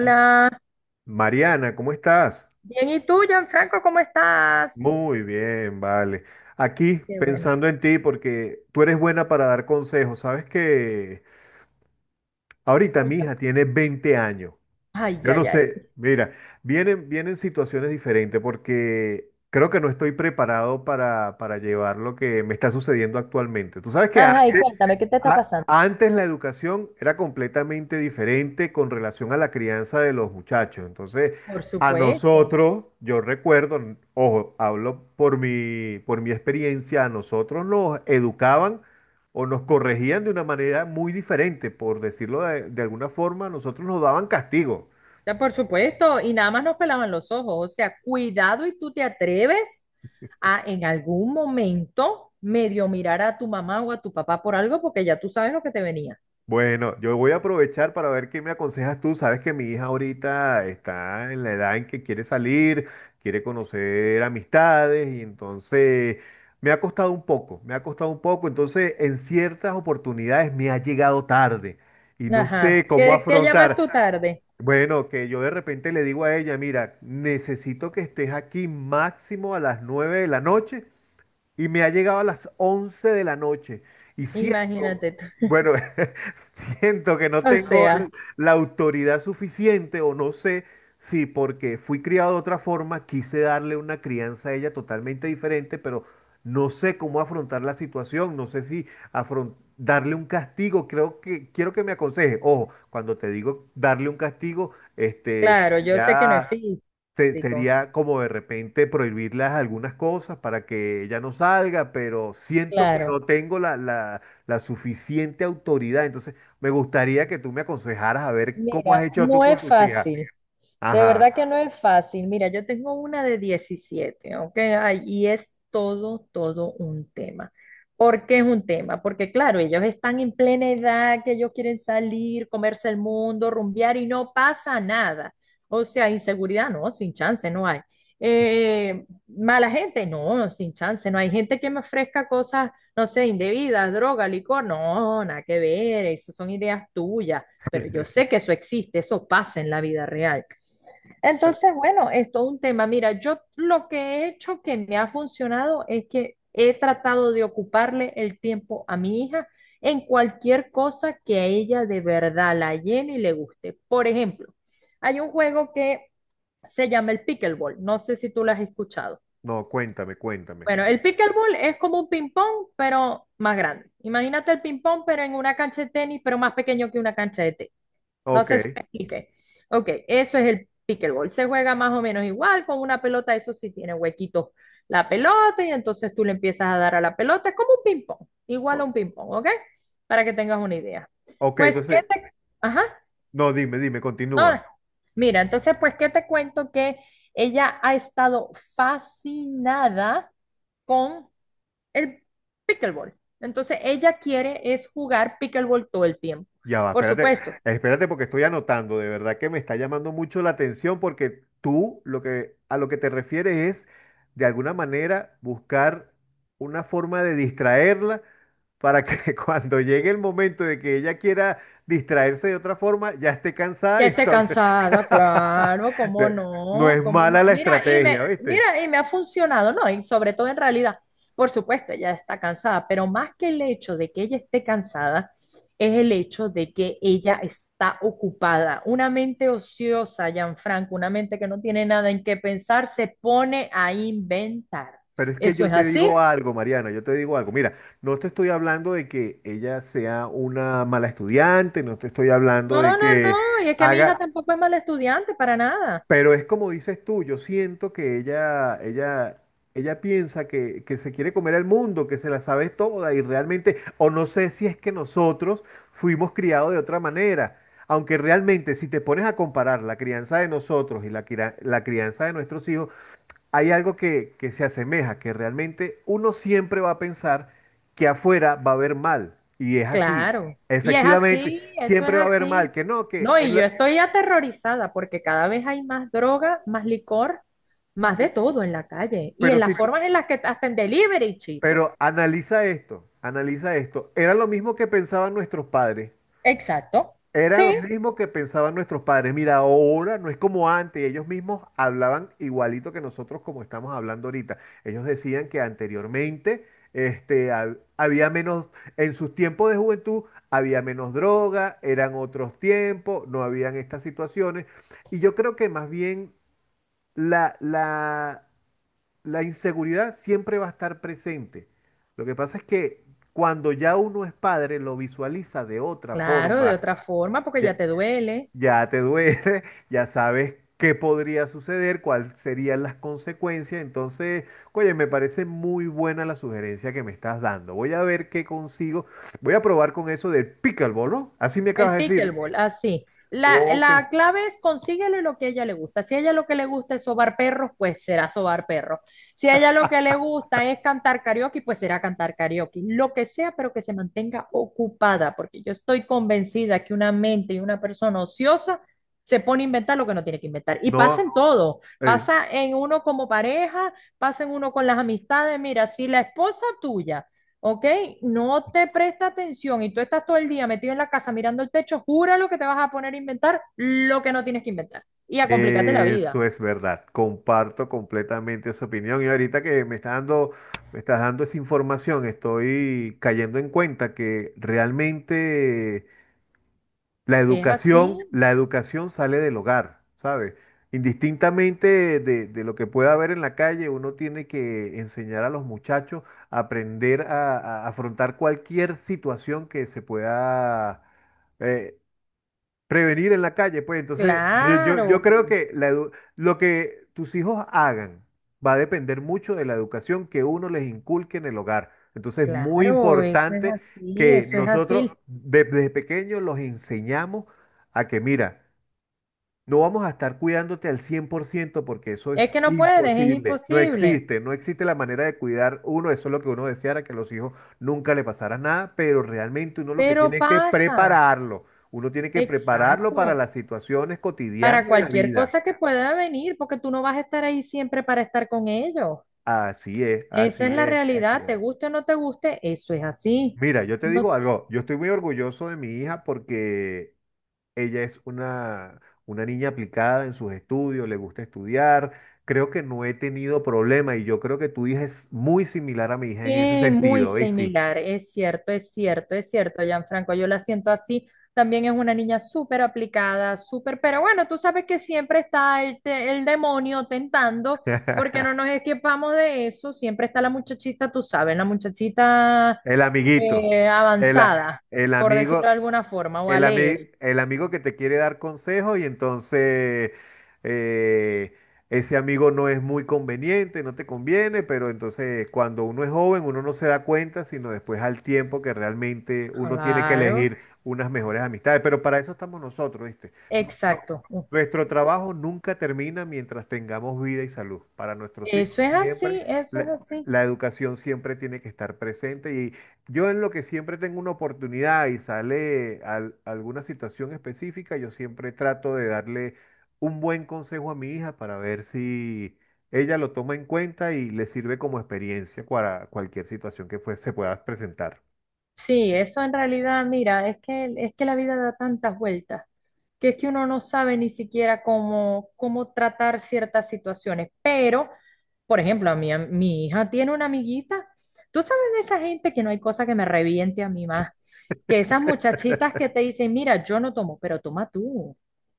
M- Mariana, ¿cómo estás? bien, ¿y tú, Gianfranco, cómo estás? Muy bien, vale. Aquí Qué bueno. pensando en ti porque tú eres buena para dar consejos. Sabes que ahorita mi Cuéntame. hija tiene 20 años. Ay, Yo no ay, ay. sé, mira, vienen situaciones diferentes porque creo que no estoy preparado para llevar lo que me está sucediendo actualmente. Tú sabes que Ajá, y antes. cuéntame, ¿qué te está pasando? Antes la educación era completamente diferente con relación a la crianza de los muchachos. Entonces, Por a supuesto, nosotros, yo recuerdo, ojo, hablo por mi experiencia, a nosotros nos educaban o nos corregían de una manera muy diferente, por decirlo de alguna forma, a nosotros nos daban castigo. ya por supuesto, y nada más nos pelaban los ojos, o sea, cuidado y tú te atreves a en algún momento medio mirar a tu mamá o a tu papá por algo porque ya tú sabes lo que te venía. Bueno, yo voy a aprovechar para ver qué me aconsejas tú. Sabes que mi hija ahorita está en la edad en que quiere salir, quiere conocer amistades y entonces me ha costado un poco, me ha costado un poco. Entonces, en ciertas oportunidades me ha llegado tarde y no Ajá, sé cómo ¿qué llamas afrontar. tú tarde? Bueno, que yo de repente le digo a ella, mira, necesito que estés aquí máximo a las 9 de la noche y me ha llegado a las 11 de la noche y siento, Imagínate tú. bueno, siento que no O tengo sea, la autoridad suficiente o no sé si porque fui criado de otra forma, quise darle una crianza a ella totalmente diferente, pero no sé cómo afrontar la situación, no sé si darle un castigo, creo que quiero que me aconseje. Ojo, cuando te digo darle un castigo, claro, yo sé que no es sería físico, sería como de repente prohibirlas algunas cosas para que ella no salga, pero siento que claro. no tengo la suficiente autoridad. Entonces, me gustaría que tú me aconsejaras a ver cómo has Mira, hecho tú no con es tus hijas. fácil. De Ajá, verdad que no es fácil. Mira, yo tengo una de 17, ¿ok? Ay, y es todo, todo un tema. ¿Por qué es un tema? Porque claro, ellos están en plena edad, que ellos quieren salir, comerse el mundo, rumbear y no pasa nada. O sea, inseguridad, no, sin chance, no hay. Mala gente, no, sin chance, no hay gente que me ofrezca cosas, no sé, indebidas, droga, licor, no, nada que ver, eso son ideas tuyas, pero yo sé que eso existe, eso pasa en la vida real. Entonces, bueno, es todo un tema. Mira, yo lo que he hecho que me ha funcionado es que he tratado de ocuparle el tiempo a mi hija en cualquier cosa que a ella de verdad la llene y le guste. Por ejemplo, hay un juego que se llama el pickleball. No sé si tú lo has escuchado. no, cuéntame, cuéntame. Bueno, el pickleball es como un ping-pong, pero más grande. Imagínate el ping-pong, pero en una cancha de tenis, pero más pequeño que una cancha de tenis. No Ok, sé si me expliqué. Ok, eso es el pickleball. Se juega más o menos igual con una pelota, eso sí tiene huequitos la pelota y entonces tú le empiezas a dar a la pelota, es como un ping-pong, igual a o- un ping-pong, ¿ok? Para que tengas una idea. ok, Pues, ¿qué entonces, te... Ajá, no, dime, dime, no, continúa. no. Mira, entonces, pues, ¿qué te cuento? Que ella ha estado fascinada con el pickleball. Entonces, ella quiere es jugar pickleball todo el tiempo. Ya va, Por espérate, supuesto, espérate porque estoy anotando, de verdad que me está llamando mucho la atención porque tú lo que a lo que te refieres es de alguna manera buscar una forma de distraerla para que cuando llegue el momento de que ella quiera distraerse de otra forma ya esté cansada ya y esté entonces cansada, claro, cómo de- no no, es cómo mala no. la Mira, estrategia, ¿viste? Y me ha funcionado, ¿no? Y sobre todo en realidad, por supuesto, ella está cansada, pero más que el hecho de que ella esté cansada, es el hecho de que ella está ocupada. Una mente ociosa, Gianfranco, una mente que no tiene nada en qué pensar, se pone a inventar. Pero es que ¿Eso yo es te así? digo algo, Mariana, yo te digo algo. Mira, no te estoy hablando de que ella sea una mala estudiante, no te estoy hablando No, de no, que no, y es que mi hija haga, tampoco es mala estudiante, para nada. pero es como dices tú, yo siento que ella piensa que se quiere comer el mundo, que se la sabe toda y realmente, o no sé si es que nosotros fuimos criados de otra manera. Aunque realmente, si te pones a comparar la crianza de nosotros y la crianza de nuestros hijos, hay algo que se asemeja, que realmente uno siempre va a pensar que afuera va a haber mal, y es así. Claro, y es Efectivamente, así, eso es siempre va a haber mal, así. que no, No, y yo estoy aterrorizada porque cada vez hay más droga, más licor, más de todo en la calle y Pero en sí, las formas en las que hasta en delivery, chico. pero analiza esto, analiza esto. Era lo mismo que pensaban nuestros padres. Exacto. Sí, Eran los mismos que pensaban nuestros padres. Mira, ahora no es como antes. Ellos mismos hablaban igualito que nosotros como estamos hablando ahorita. Ellos decían que anteriormente había menos, en sus tiempos de juventud había menos droga, eran otros tiempos, no habían estas situaciones. Y yo creo que más bien la, la, la inseguridad siempre va a estar presente. Lo que pasa es que cuando ya uno es padre, lo visualiza de otra claro, de forma. otra forma porque Ya- ya te duele. ya te duele, ya sabes qué podría suceder, cuáles serían las consecuencias. Entonces, oye, me parece muy buena la sugerencia que me estás dando. Voy a ver qué consigo. Voy a probar con eso del pickleball, ¿no? Así me El acabas de decir. pickleball, así. La, Ok, la clave es consíguele lo que a ella le gusta. Si a ella lo que le gusta es sobar perros, pues será sobar perros. Si a ella lo que le gusta es cantar karaoke, pues será cantar karaoke. Lo que sea, pero que se mantenga ocupada, porque yo estoy convencida que una mente y una persona ociosa se pone a inventar lo que no tiene que inventar. Y pasa en no, todo. eh, Pasa en uno como pareja, pasa en uno con las amistades. Mira, si la esposa tuya ¿ok? No te presta atención y tú estás todo el día metido en la casa mirando el techo, júralo que te vas a poner a inventar lo que no tienes que inventar y a complicarte la vida. eso es verdad. Comparto completamente esa opinión. Y ahorita que me estás dando esa información, estoy cayendo en cuenta que realmente la ¿Es así? educación, la educación sale del hogar, ¿sabes? Indistintamente de lo que pueda haber en la calle, uno tiene que enseñar a los muchachos a aprender a afrontar cualquier situación que se pueda, eh, prevenir en la calle, pues entonces yo Claro, creo que lo que tus hijos hagan va a depender mucho de la educación que uno les inculque en el hogar. Entonces es muy claro, eso es importante así, que eso es nosotros así. Desde pequeños los enseñamos a que, mira, no vamos a estar cuidándote al 100% porque eso Es es que no puedes, es imposible. No imposible, existe, no existe la manera de cuidar uno. Eso es lo que uno deseara, que a los hijos nunca le pasara nada, pero realmente uno lo que pero tiene es que pasa, prepararlo. Uno tiene que prepararlo para exacto, las situaciones cotidianas para de la cualquier vida. cosa que pueda venir, porque tú no vas a estar ahí siempre para estar con ellos. Así es, Esa es así la es, así realidad, te es. guste o no te guste, eso es así. Mira, yo te digo Uno. algo, yo estoy muy orgulloso de mi hija porque ella es una niña aplicada en sus estudios, le gusta estudiar. Creo que no he tenido problema y yo creo que tu hija es muy similar a mi hija en ese Sí, muy sentido, ¿viste? similar, es cierto, es cierto, es cierto, Gianfranco, yo la siento así. También es una niña súper aplicada, súper, pero bueno, tú sabes que siempre está el, el demonio tentando, porque no nos escapamos de eso, siempre está la muchachita, tú sabes, la muchachita El amiguito, avanzada, el por decirlo amigo. de alguna forma, o alegre. El amigo que te quiere dar consejos y entonces eh, ese amigo no es muy conveniente, no te conviene, pero entonces cuando uno es joven uno no se da cuenta, sino después al tiempo que realmente uno tiene que Claro, elegir unas mejores amistades. Pero para eso estamos nosotros, ¿viste? Nuestro, exacto. nuestro trabajo nunca termina mientras tengamos vida y salud. Para nuestros hijos Eso es así, siempre eso la, es así. la educación siempre tiene que estar presente. Yo en lo que siempre tengo una oportunidad y sale alguna situación específica, yo siempre trato de darle un buen consejo a mi hija para ver si ella lo toma en cuenta y le sirve como experiencia para cualquier situación que pues, se pueda presentar. Sí, eso en realidad, mira, es que la vida da tantas vueltas que es que uno no sabe ni siquiera cómo tratar ciertas situaciones. Pero, por ejemplo, a mi hija tiene una amiguita. Tú sabes de esa gente que no hay cosa que me reviente a mí más. Que esas muchachitas que te dicen, mira, yo no tomo, pero toma tú.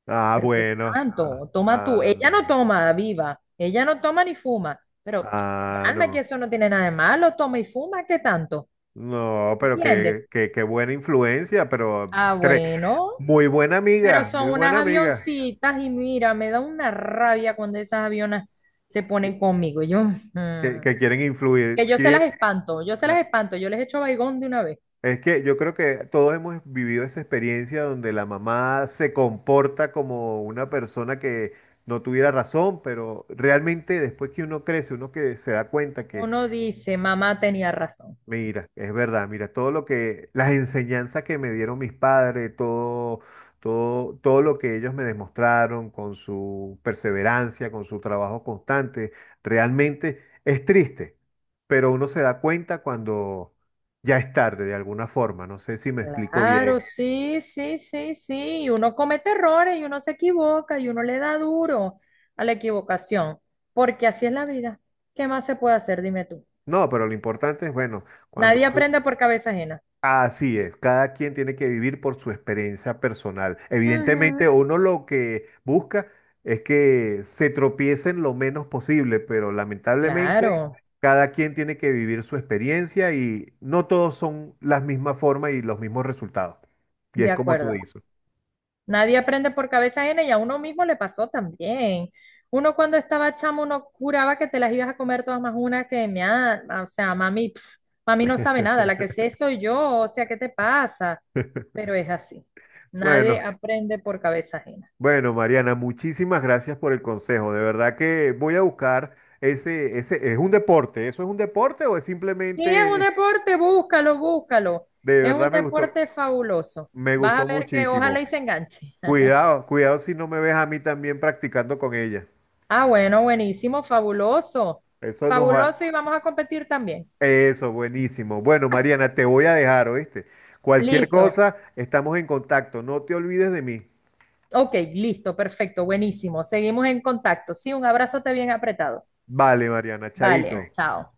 Ah, Pero qué bueno. Ah, tanto, toma tú. Ella no ah, toma, viva. Ella no toma ni fuma. Pero, ah, alma, que no. eso no tiene nada de malo, toma y fuma, ¿qué tanto? No, pero ¿Entiendes? qué buena influencia, pero Ah, tre- bueno, pero muy son unas buena amiga, avioncitas y mira, me da una rabia cuando esas avionas se que, ponen conmigo. Que- que quieren Que influir. yo se las espanto, yo se las espanto, yo les echo baigón de una vez. Es que yo creo que todos hemos vivido esa experiencia donde la mamá se comporta como una persona que no tuviera razón, pero realmente después que uno crece, uno que se da cuenta que. Uno dice, mamá tenía razón. Mira, es verdad, mira, todo lo que, las enseñanzas que me dieron mis padres, todo, todo, todo lo que ellos me demostraron con su perseverancia, con su trabajo constante, realmente es triste, pero uno se da cuenta cuando ya es tarde de alguna forma, no sé si me explico Claro, bien. sí, sí, sí, sí. Y uno comete errores y uno se equivoca y uno le da duro a la equivocación, porque así es la vida. ¿Qué más se puede hacer? Dime tú. No, pero lo importante es, bueno, cuando, Nadie aprende por cabeza ajena. así es, cada quien tiene que vivir por su experiencia personal. Ujú. Evidentemente, uno lo que busca es que se tropiecen lo menos posible, pero lamentablemente Claro, cada quien tiene que vivir su experiencia y no todos son las mismas formas y los mismos resultados. Y es de como tú acuerdo. dices. Nadie aprende por cabeza ajena y a uno mismo le pasó también. Uno cuando estaba chamo, uno juraba que te las ibas a comer todas más una que me o sea, mami, pf, mami no sabe nada, la que sé soy yo, o sea, ¿qué te pasa? Pero es así. Nadie Bueno, aprende por cabeza ajena. bueno, Mariana, muchísimas gracias por el consejo. De verdad que voy a buscar ese, ¿es un deporte? ¿Eso es un deporte o es Si es un simplemente, deporte, búscalo, búscalo. de Es un verdad me gustó? deporte fabuloso. Me Vas gustó a ver que ojalá muchísimo. y se enganche. Cuidado, cuidado si no me ves a mí también practicando con ella. Ah, bueno, buenísimo, fabuloso. Eso nos Fabuloso va. y vamos a competir también. Eso, buenísimo. Bueno, Mariana, te voy a dejar, ¿oíste? Cualquier Listo. cosa, estamos en contacto. No te olvides de mí. Ok, listo, perfecto, buenísimo. Seguimos en contacto. Sí, un abrazote bien apretado. Vale, Mariana, chaito. Vale, chao.